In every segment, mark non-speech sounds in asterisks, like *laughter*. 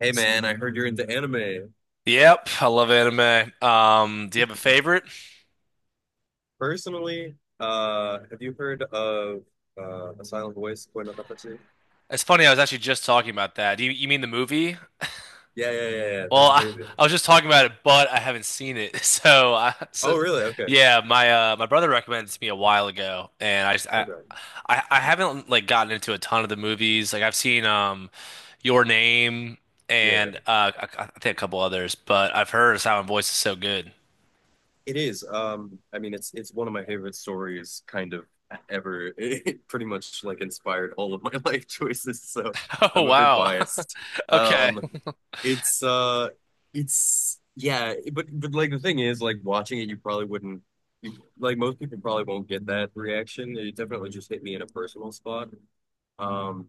Hey man, I heard you're into anime. Yep, I love anime. Do you have a favorite? Personally, have you heard of A Silent Voice, Koi no Katachi? It's funny, I was actually just talking about that. You mean the movie? Yeah, yeah, yeah, yeah. Well, That's crazy. I was just talking about it, but I haven't seen it. *laughs* So Oh, really? Okay. yeah, my my brother recommended it to me a while ago, and I just Okay. I haven't like gotten into a ton of the movies. Like I've seen Your Name Yeah. and I think a couple others, but I've heard Silent Voice is so good. *laughs* It is. I mean, it's one of my favorite stories, kind of ever. *laughs* It pretty much like inspired all of my *laughs* life choices, so Oh I'm a bit wow, biased. *laughs* okay. Um, it's uh, it's Yeah, but like the thing is, like watching it, you probably wouldn't. You, like most people probably won't get that reaction. It definitely just hit me in a personal spot. Um,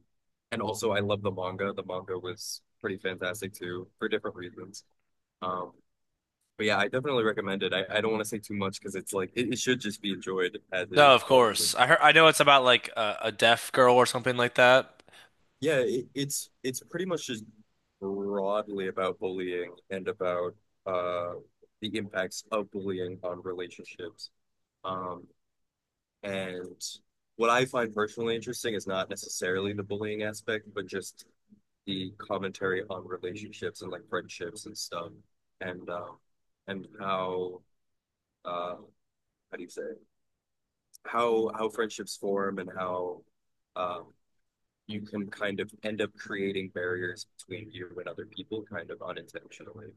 and also I love the manga. The manga was pretty fantastic too, for different reasons. Um, but yeah, I definitely recommend it. I don't want to say too much because it's like it should just be enjoyed as No, is of probably. course. I know it's about like a deaf girl or something like that. Yeah, it's pretty much just broadly about bullying and about uh the impacts of bullying on relationships. Um, and what I find personally interesting is not necessarily the bullying aspect, but just the commentary on relationships and like friendships and stuff, and um, and uh, how do you say? How how friendships form and how um, you can kind of end up creating barriers between you and other people kind of unintentionally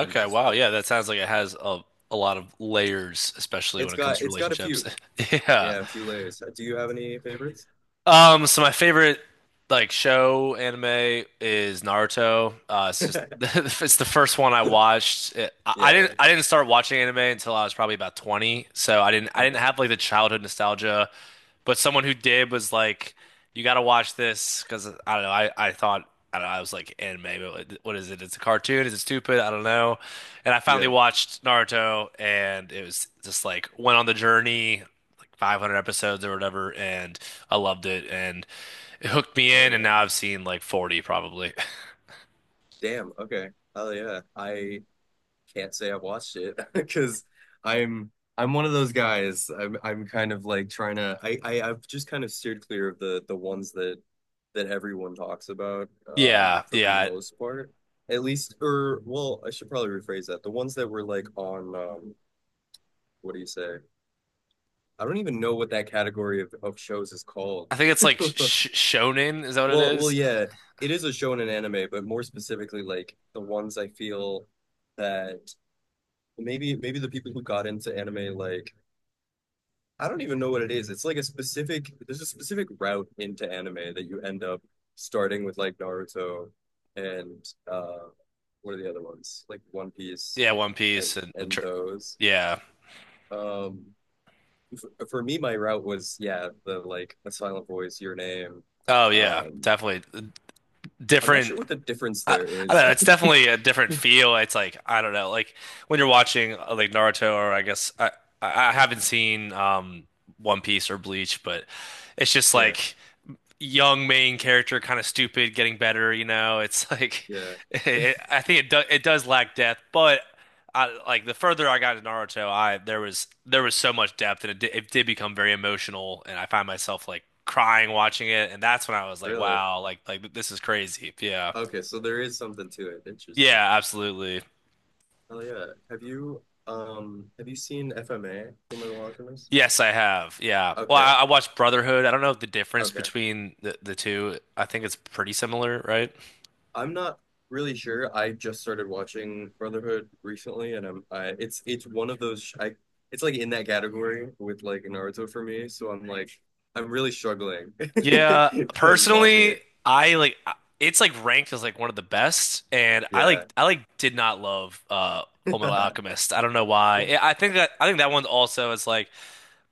and that sort wow. of Yeah, thing. that sounds like it has a lot of layers, especially It's when it comes got to a relationships. few. *laughs* Yeah. Yeah, a few layers. Do you have any favorites? So my favorite show anime is Naruto. It's just *laughs* *laughs* it's the first one I watched. It, Yeah, yeah. I didn't start watching anime until I was probably about 20, so I didn't Okay. have like the childhood nostalgia, but someone who did was like, you got to watch this because I don't know. I thought I don't know. I was like anime, but what is it? It's a cartoon. Is it stupid? I don't know. And I finally Yeah. watched Naruto, and it was just like went on the journey like 500 episodes or whatever, and I loved it, and it hooked me Oh in, and yeah. now I've seen like 40 probably. *laughs* Damn. Okay. Oh yeah. I can't say I watched it *laughs* because I'm I'm one of those guys. I'm kind of like trying to I've just kind of steered clear of the ones that everyone talks about, um, Yeah, for the yeah. most part. At least, or well, I should probably rephrase that. The ones that were like on, um, what do you say? I don't even know what that category of shows is called. I think it's like *laughs* sh Shonen, is that what it Well, is? yeah, it is a show and an anime, but more specifically like the ones I feel that maybe the people who got into anime, like, I don't even know what it is. It's like a specific, there's a specific route into anime that you end up starting with, like, Naruto and uh what are the other ones? Like One Piece Yeah, One and Piece and and tr- those. yeah. Um for me my route was, yeah, the, like, the Silent Voice, Your Name. Oh yeah, Um, definitely I'm not sure different. what the difference I, there I don't is. know. It's *laughs* definitely a different feel. It's like I don't know, like when you're watching Naruto, or I I haven't seen One Piece or Bleach, but it's just Yeah, like young main character, kind of stupid, getting better. You know, it's like yeah, *laughs* it, I think it do, it does lack depth, but I like the further I got in Naruto, I there was so much depth, and it did become very emotional, and I find myself like crying watching it, and that's when I was like, really. wow, like this is crazy. Yeah, Okay, so there is something to it. Interesting. yeah, absolutely. Oh yeah. Have you, um, have you seen FMA, Full Metal Alchemist? Yes, I have. Yeah. Well, Okay, I watched Brotherhood. I don't know the difference okay. between the two. I think it's pretty similar, right? I'm not really sure. I just started watching Brotherhood recently, and I'm I it's one of those sh- I it's like in that category with like Naruto for me. So I'm like I'm really struggling Yeah, *laughs* like watching personally, it. I like it's like ranked as like one of the best, and Yeah, I like did not love *laughs* Fullmetal yeah, Alchemist. I don't know why. I think that one also is like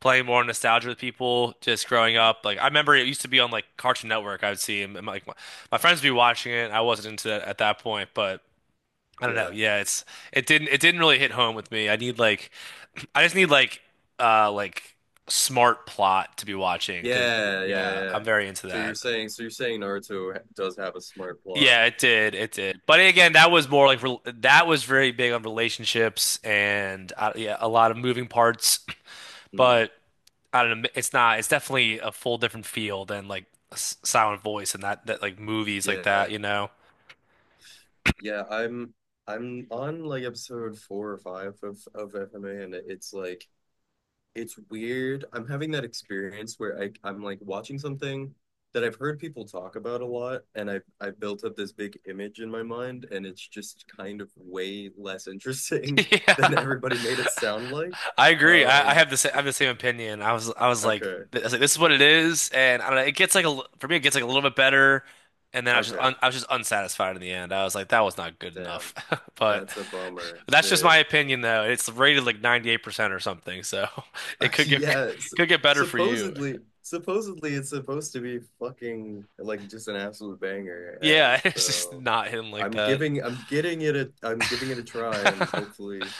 playing more nostalgia with people just growing up. Like I remember it used to be on like Cartoon Network. I would see him and like my friends would be watching it. I wasn't into that at that point, but I don't know. yeah, Yeah, it's it didn't really hit home with me. I just need like uh like smart plot to be watching because yeah, yeah, yeah. I'm very into So you're that. saying, Naruto does have a smart plot. Yeah, it did. It did. But again, that was more like that was very big on relationships and yeah, a lot of moving parts. Mm, But I don't know. It's not. It's definitely a full different feel than like Silent Voice and that that like movies like that. yeah. You know. Yeah, I'm on like episode four or five of FMA, and it's like it's weird. I'm having that experience where I'm like watching something that I've heard people talk about a lot, and I've built up this big image in my mind, and it's just kind of way less *laughs* interesting *laughs* than Yeah. everybody made it sound like. I agree. Um, I have the same opinion. I was I was like okay, I was like this is what it is, and I don't know. It gets like for me, it gets like a little bit better, and then okay, I was just unsatisfied in the end. I was like that was not good enough, damn, *laughs* but that's a bummer. that's just my Shit. opinion though. It's rated like 98% or something, so *laughs* it *laughs* Yes. could get better for you. Supposedly, supposedly it's supposed to be fucking like just an absolute banger, and Yeah, *laughs* it's just so not hidden like that. I'm getting I'm giving it a try, and hopefully,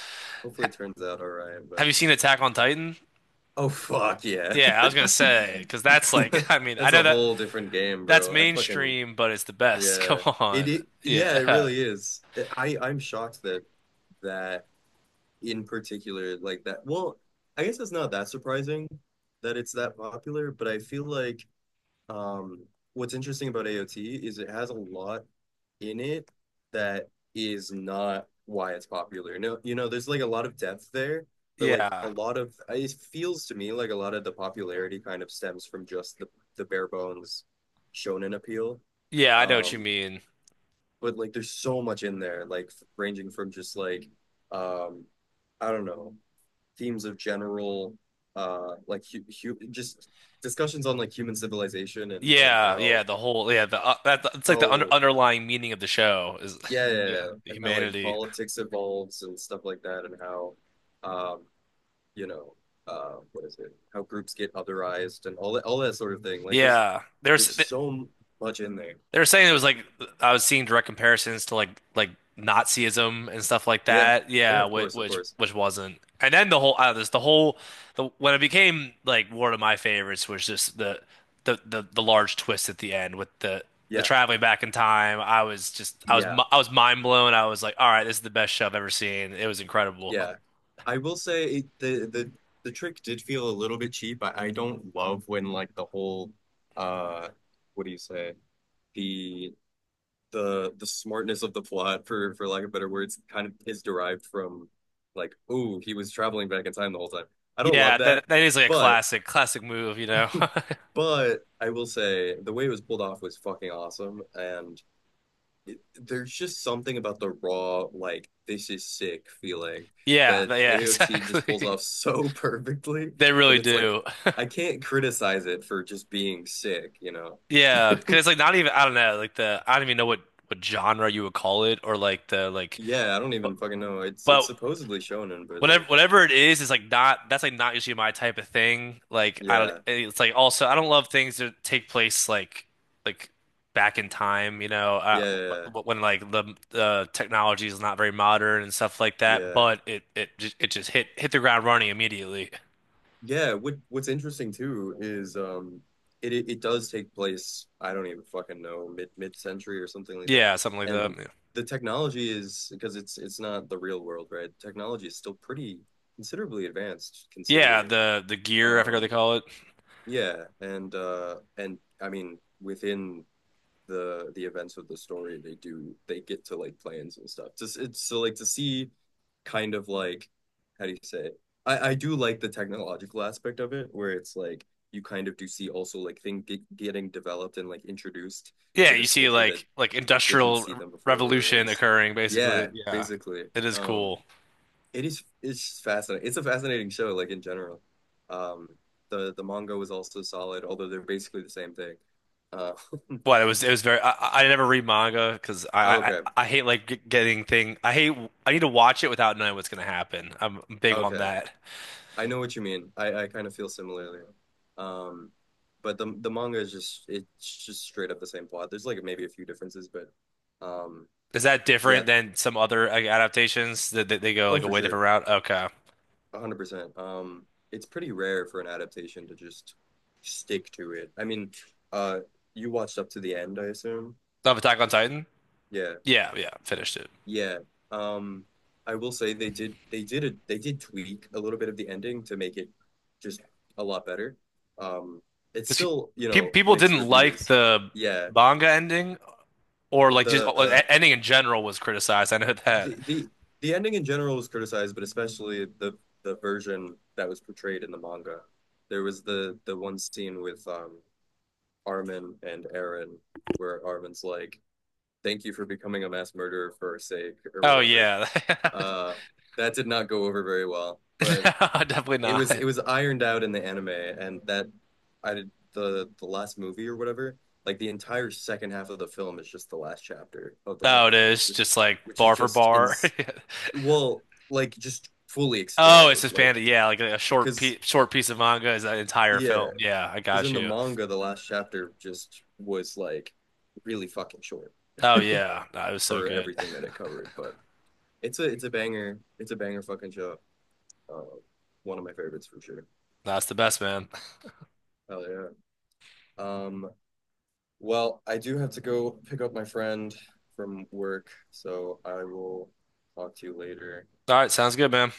hopefully it turns out all right. Have But you seen Attack on Titan? oh fuck yeah, Yeah, I was gonna say because that's like *laughs* I *laughs* mean I that's know a that. whole different game, That's bro. I fucking mainstream, but it's the best. *laughs* Come yeah, it, on. it yeah, it Yeah. really is. I'm shocked that that in particular like that. Well, I guess it's not that surprising that it's that popular, but I feel like, um, what's interesting about AOT is it has a lot in it that is not why it's popular. No, you know, there's like a lot of depth there, but like a Yeah. lot of it feels to me like a lot of the popularity kind of stems from just the bare bones shonen appeal. Yeah, I know what you Um, mean. but like there's so much in there, like ranging from just like, um, I don't know, themes of general like just discussions on like human civilization and Yeah, yeah, the whole yeah, the that it's like the how underlying meaning of the show is yeah, *laughs* yeah, yeah, yeah, and how like humanity. politics evolves and stuff like that and how, um, you know, uh, what is it, how groups get otherized and all that, all that sort of thing. Like there's Yeah. There's so much in there, they were saying it was like I was seeing direct comparisons to like Nazism and stuff like yeah, that. yeah, Yeah, of course, of course, which wasn't. And then the whole this the whole the when it became like one of my favorites was just the large twist at the end with the yeah, traveling back in time. Yeah. I was mind blown. I was like, all right, this is the best show I've ever seen. It was incredible. Yeah. I will say it, the trick did feel a little bit cheap. I don't love when like the whole, uh, what do you say? The the smartness of the plot for lack of better words kind of is derived from like, oh, he was traveling back in time the whole time. I don't love Yeah, that, that is like a but classic classic move, you know. *laughs* I will say the way it was pulled off was fucking awesome, and it, there's just something about the raw, like, this is sick feeling Yeah, that yeah, *laughs* AOT just pulls exactly. off *laughs* so perfectly They that really it's like, do. I can't criticize it for just being sick, you know? Yeah, because *laughs* it's like not even I don't know like the I don't even know what genre you would call it or like the like Yeah, I don't but, even fucking know. But It's supposedly shonen, but whatever like, whatever it is like not that's like not usually my type of thing. Like I don't yeah, It's like also I don't love things that take place like back in time, you know, yeah, yeah, when like the technology is not very modern and stuff like that. yeah. But it just hit the ground running immediately. Yeah, what what's interesting too is, um, it does take place, I don't even fucking know, mid century or something like that. Yeah, something like that. And Yeah, the technology is, because it's not the real world, right? Technology is still pretty considerably advanced yeah, considering. The gear I forgot what they Um, call it. yeah, and I mean within the events of the story, they do, they get to like plans and stuff. Just it's so like to see kind of like, how do you say it? I do like the technological aspect of it where it's like you kind of do see also like getting developed and like introduced Yeah, to you this see culture that like didn't industrial see them before, and revolution occurring basically. yeah Yeah. basically, It is um, cool. it is, it's fascinating, it's a fascinating show like in general. Um, the manga was also solid, although they're basically the same thing. Uh, But it was very I never read manga because *laughs* okay. I hate like g- getting thing I hate I need to watch it without knowing what's gonna happen. I'm big on Okay. that. I know what you mean. I kind of feel similarly. Um, but the manga is just, it's just straight up the same plot. There's like maybe a few differences, but, um, Is that yeah, different than some other like adaptations that they go oh like a for way different sure. route? Okay. 100%. Um, it's pretty rare for an adaptation to just stick to it. I mean, uh, you watched up to the end, I assume. Of Attack on Titan? Yeah. Yeah, yeah, finished it. Yeah. Um, I will say they did, they did a they did tweak a little bit of the ending to make it just a lot better. Um, it's Because still, you pe know, people mixed didn't like reviews. the Yeah. manga ending or like just The ending in general was criticized. I know that. the the the ending in general was criticized, but especially the version that was portrayed in the manga. There was the one scene with, um, Armin and Aaron where Armin's like, "Thank you for becoming a mass murderer for our sake," or Oh whatever. yeah. *laughs* Uh, that did not go over very well, but *laughs* No, definitely it was, not. it was ironed out in the anime, and that I did the last movie or whatever. Like the entire second half of the film is just the last chapter of the Oh, it manga, is which just like is bar for just in, bar. *laughs* well, like just fully Oh, it's expanded, just panda. like, Yeah, like a because short piece of manga is that entire yeah, film. Yeah, I because got in the you. manga the last chapter just was like really fucking short Oh *laughs* yeah, no, it was so for good. everything that it covered, but it's a banger. It's a banger fucking show. Uh, one of my favorites for sure. *laughs* That's the best, man. Hell yeah. Um, well, I do have to go pick up my friend from work, so I will talk to you later. All right, sounds good, man.